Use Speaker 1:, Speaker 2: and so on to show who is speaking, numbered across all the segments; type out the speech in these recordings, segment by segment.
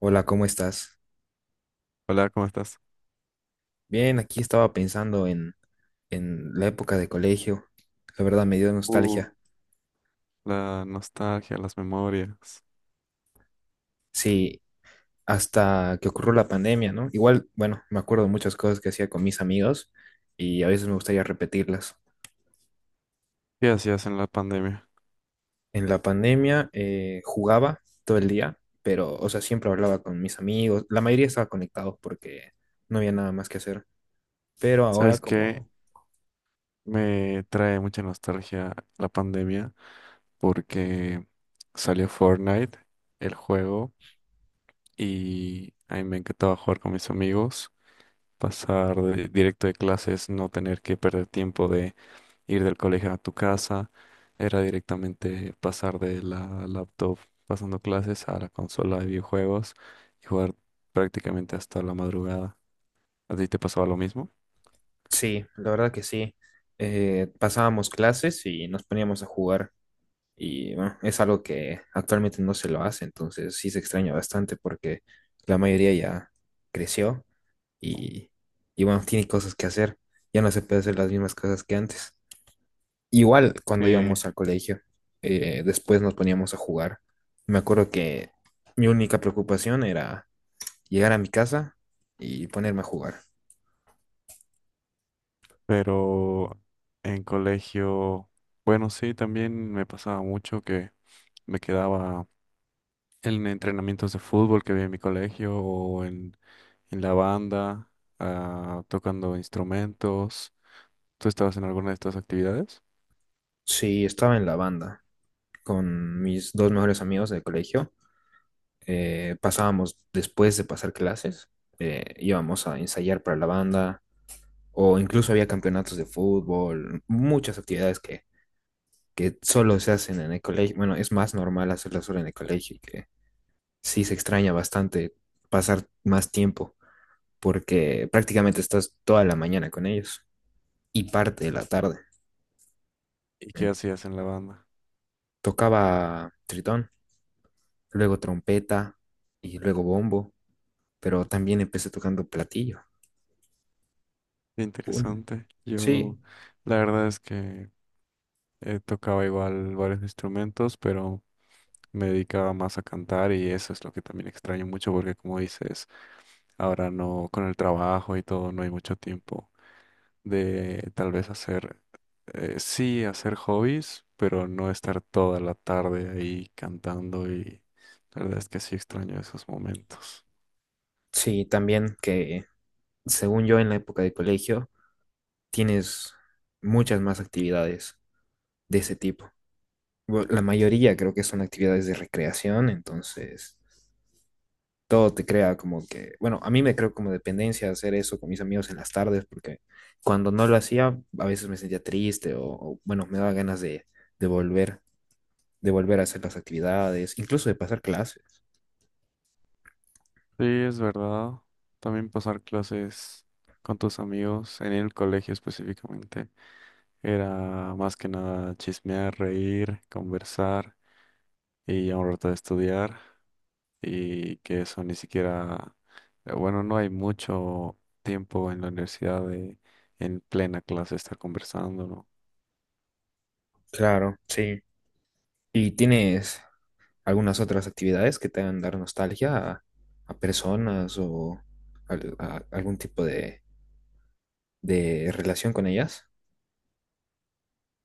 Speaker 1: Hola, ¿cómo estás?
Speaker 2: Hola, ¿cómo estás?
Speaker 1: Bien, aquí estaba pensando en la época de colegio. La verdad me dio
Speaker 2: Uh,
Speaker 1: nostalgia.
Speaker 2: la nostalgia, las memorias.
Speaker 1: Sí, hasta que ocurrió la pandemia, ¿no? Igual, bueno, me acuerdo de muchas cosas que hacía con mis amigos y a veces me gustaría repetirlas.
Speaker 2: ¿Qué hacías en la pandemia?
Speaker 1: En la pandemia jugaba todo el día, pero, o sea, siempre hablaba con mis amigos. La mayoría estaba conectados porque no había nada más que hacer. Pero ahora
Speaker 2: ¿Sabes qué?
Speaker 1: como,
Speaker 2: Me trae mucha nostalgia la pandemia porque salió Fortnite, el juego, y a mí me encantaba jugar con mis amigos, pasar directo de clases, no tener que perder tiempo ir del colegio a tu casa. Era directamente pasar de la laptop pasando clases a la consola de videojuegos y jugar prácticamente hasta la madrugada. ¿A ti te pasaba lo mismo?
Speaker 1: sí, la verdad que sí. Pasábamos clases y nos poníamos a jugar. Y bueno, es algo que actualmente no se lo hace, entonces sí se extraña bastante porque la mayoría ya creció y, y bueno, tiene cosas que hacer. Ya no se puede hacer las mismas cosas que antes. Igual cuando
Speaker 2: Sí,
Speaker 1: íbamos al colegio, después nos poníamos a jugar. Me acuerdo que mi única preocupación era llegar a mi casa y ponerme a jugar.
Speaker 2: pero en colegio, bueno, sí, también me pasaba mucho que me quedaba en entrenamientos de fútbol que había en mi colegio o en la banda, ah, tocando instrumentos. ¿Tú estabas en alguna de estas actividades?
Speaker 1: Sí, estaba en la banda con mis dos mejores amigos del colegio pasábamos después de pasar clases, íbamos a ensayar para la banda o incluso había campeonatos de fútbol, muchas actividades que solo se hacen en el colegio. Bueno, es más normal hacerlas solo en el colegio y que sí se extraña bastante pasar más tiempo porque prácticamente estás toda la mañana con ellos y parte de la tarde.
Speaker 2: ¿Y qué
Speaker 1: En-
Speaker 2: hacías en la banda?
Speaker 1: Tocaba tritón, luego trompeta y luego bombo, pero también empecé tocando platillo. Un-
Speaker 2: Interesante. Yo,
Speaker 1: Sí,
Speaker 2: la verdad es que tocaba igual varios instrumentos, pero me dedicaba más a cantar, y eso es lo que también extraño mucho porque, como dices, ahora no, con el trabajo y todo, no hay mucho tiempo de tal vez sí, hacer hobbies, pero no estar toda la tarde ahí cantando, y la verdad es que sí extraño esos momentos.
Speaker 1: sí, también que según yo en la época de colegio tienes muchas más actividades de ese tipo. La mayoría creo que son actividades de recreación, entonces todo te crea como que, bueno, a mí me creo como dependencia hacer eso con mis amigos en las tardes, porque cuando no lo hacía a veces me sentía triste o, bueno, me daba ganas de volver, de volver a hacer las actividades, incluso de pasar clases.
Speaker 2: Sí, es verdad. También pasar clases con tus amigos en el colegio específicamente era más que nada chismear, reír, conversar y a un rato de estudiar, y que eso ni siquiera, bueno, no hay mucho tiempo en la universidad de en plena clase estar conversando, ¿no?
Speaker 1: Claro, sí. Y tienes algunas otras actividades que te hagan dar nostalgia a personas o a algún tipo de relación con ellas.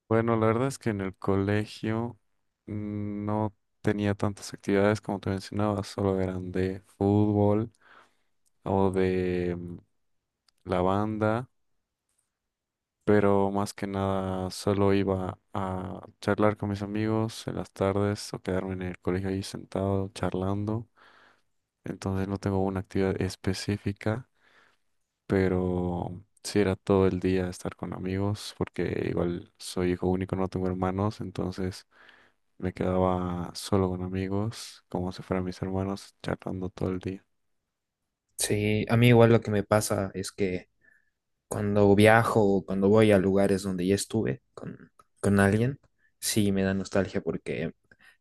Speaker 2: Bueno, la verdad es que en el colegio, no tenía tantas actividades como te mencionaba, solo eran de fútbol o de la banda, pero más que nada solo iba a charlar con mis amigos en las tardes o quedarme en el colegio ahí sentado charlando. Entonces no tengo una actividad específica, pero sí era todo el día estar con amigos, porque igual soy hijo único, no tengo hermanos, entonces me quedaba solo con amigos, como si fueran mis hermanos, charlando todo el día.
Speaker 1: Sí, a mí igual lo que me pasa es que cuando viajo o cuando voy a lugares donde ya estuve con alguien, sí me da nostalgia porque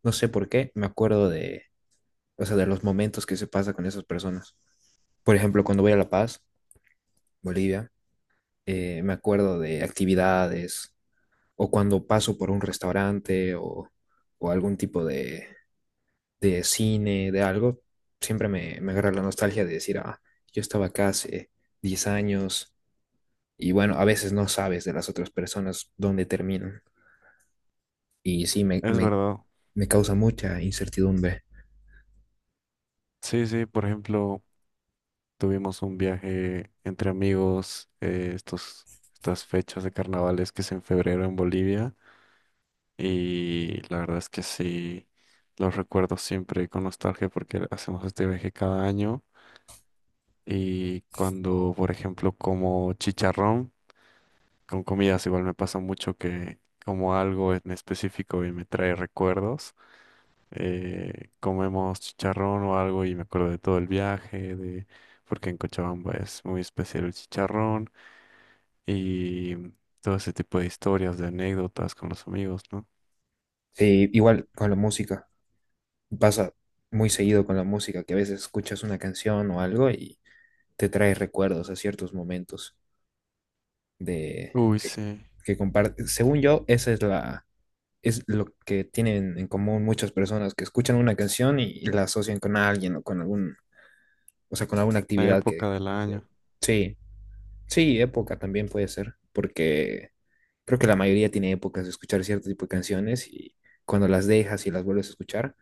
Speaker 1: no sé por qué, me acuerdo de, o sea, de los momentos que se pasa con esas personas. Por ejemplo, cuando voy a La Paz, Bolivia, me acuerdo de actividades, o cuando paso por un restaurante o algún tipo de cine, de algo, siempre me agarra la nostalgia de decir, ah, yo estaba acá hace 10 años y bueno, a veces no sabes de las otras personas dónde terminan y sí,
Speaker 2: Es verdad.
Speaker 1: me causa mucha incertidumbre.
Speaker 2: Sí, sí, por ejemplo. Tuvimos un viaje entre amigos, estos, estas fechas de carnavales que es en febrero en Bolivia, y la verdad es que sí, los recuerdo siempre con nostalgia porque hacemos este viaje cada año, y cuando, por ejemplo, como chicharrón con comidas. Igual me pasa mucho que como algo en específico y me trae recuerdos, comemos chicharrón o algo y me acuerdo de todo el viaje, de porque en Cochabamba es muy especial el chicharrón. Y todo ese tipo de historias, de anécdotas con los amigos, ¿no?
Speaker 1: Sí, igual con la música, pasa muy seguido con la música, que a veces escuchas una canción o algo y te trae recuerdos a ciertos momentos de...
Speaker 2: Uy,
Speaker 1: que
Speaker 2: sí,
Speaker 1: que comparte, según yo, esa es es lo que tienen en común muchas personas que escuchan una canción y la asocian con alguien o con algún, o sea, con alguna
Speaker 2: la
Speaker 1: actividad
Speaker 2: época del
Speaker 1: que
Speaker 2: año.
Speaker 1: hicieron. Sí, sí, época también puede ser, porque creo que la mayoría tiene épocas de escuchar cierto tipo de canciones y cuando las dejas y las vuelves a escuchar,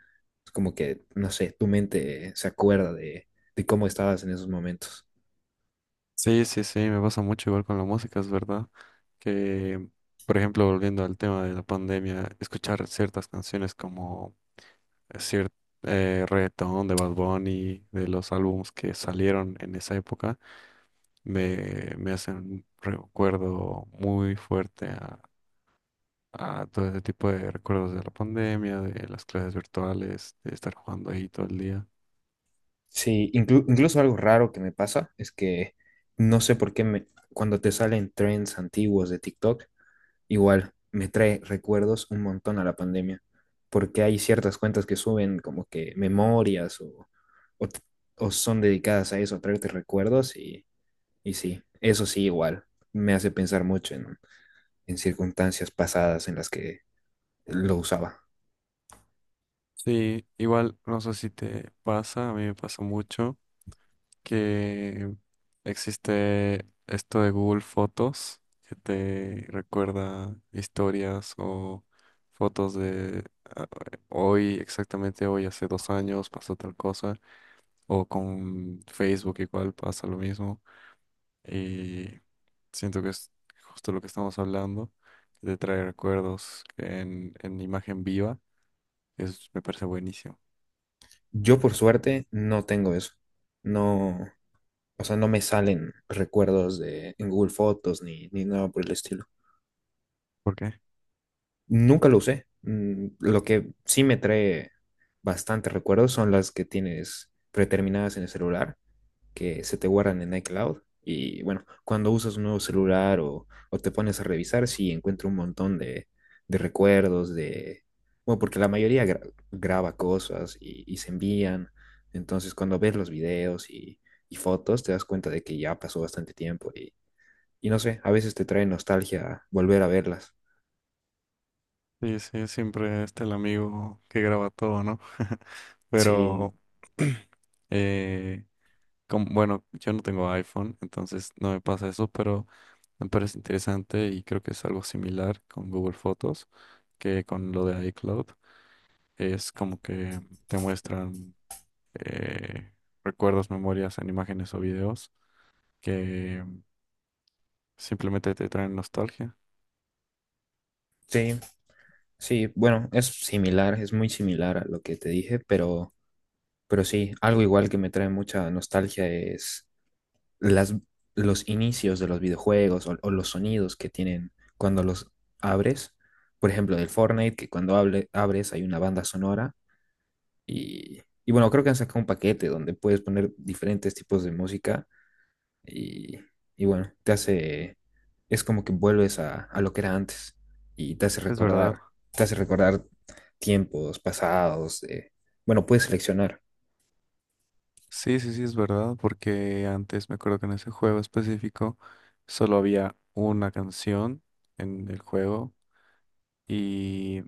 Speaker 1: es como que, no sé, tu mente se acuerda de cómo estabas en esos momentos.
Speaker 2: Sí, sí, sí, me pasa mucho igual con la música, es verdad. Que, por ejemplo, volviendo al tema de la pandemia, escuchar ciertas canciones como cierto reggaetón de Bad Bunny, de los álbumes que salieron en esa época, me hacen un recuerdo muy fuerte a todo ese tipo de recuerdos de la pandemia, de las clases virtuales, de estar jugando ahí todo el día.
Speaker 1: Sí, incluso algo raro que me pasa es que no sé por qué cuando te salen trends antiguos de TikTok, igual, me trae recuerdos un montón a la pandemia, porque hay ciertas cuentas que suben como que memorias o, o, t- o son dedicadas a eso, a traerte recuerdos y sí, eso sí igual, me hace pensar mucho en circunstancias pasadas en las que lo usaba.
Speaker 2: Sí, igual, no sé si te pasa, a mí me pasa mucho que existe esto de Google Fotos que te recuerda historias o fotos de ah, hoy, exactamente hoy, hace dos años pasó tal cosa, o con Facebook igual pasa lo mismo. Y siento que es justo lo que estamos hablando, de traer recuerdos en imagen viva. Eso me parece buenísimo.
Speaker 1: Yo por suerte no tengo eso, no, o sea, no me salen recuerdos de, en Google Fotos ni nada por el estilo.
Speaker 2: ¿Por qué?
Speaker 1: Nunca lo usé. Mm, lo que sí me trae bastante recuerdos son las que tienes predeterminadas en el celular, que se te guardan en iCloud. Y bueno, cuando usas un nuevo celular o te pones a revisar, sí encuentro un montón de recuerdos, de... Bueno, porque la mayoría graba cosas y se envían. Entonces, cuando ves los videos y fotos, te das cuenta de que ya pasó bastante tiempo y no sé, a veces te trae nostalgia volver a verlas.
Speaker 2: Sí, sí, siempre está el amigo que graba todo, ¿no?
Speaker 1: Sí,
Speaker 2: Pero, eh, bueno, yo no tengo iPhone, entonces no me pasa eso, pero me parece interesante, y creo que es algo similar con Google Fotos que con lo de iCloud. Es como que te muestran eh, recuerdos, memorias en imágenes o videos que simplemente te traen nostalgia.
Speaker 1: sí. Sí, bueno, es similar, es muy similar a lo que te dije, pero sí, algo igual que me trae mucha nostalgia es las, los inicios de los videojuegos o los sonidos que tienen cuando los abres. Por ejemplo, del Fortnite, que cuando abres hay una banda sonora y bueno, creo que han sacado un paquete donde puedes poner diferentes tipos de música y, y bueno, te hace, es como que vuelves a lo que era antes y
Speaker 2: Es verdad.
Speaker 1: te hace recordar tiempos pasados. Bueno, puedes seleccionar.
Speaker 2: Sí, sí, sí, es verdad, porque antes me acuerdo que en ese juego específico solo había una canción en el juego, y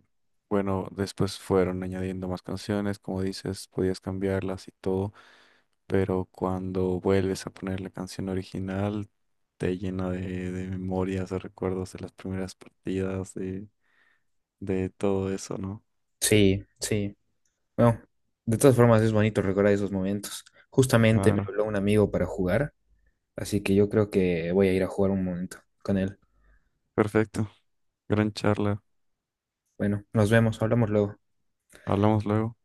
Speaker 2: bueno, después fueron añadiendo más canciones, como dices, podías cambiarlas y todo, pero cuando vuelves a poner la canción original te llena de memorias, de recuerdos de las primeras partidas, de todo eso, ¿no?
Speaker 1: Sí, sí. Bueno, de todas formas es bonito recordar esos momentos. Justamente me
Speaker 2: Claro.
Speaker 1: habló un amigo para jugar, así que yo creo que voy a ir a jugar un momento con él.
Speaker 2: Perfecto. Gran charla.
Speaker 1: Bueno, nos vemos, hablamos luego.
Speaker 2: Hablamos luego.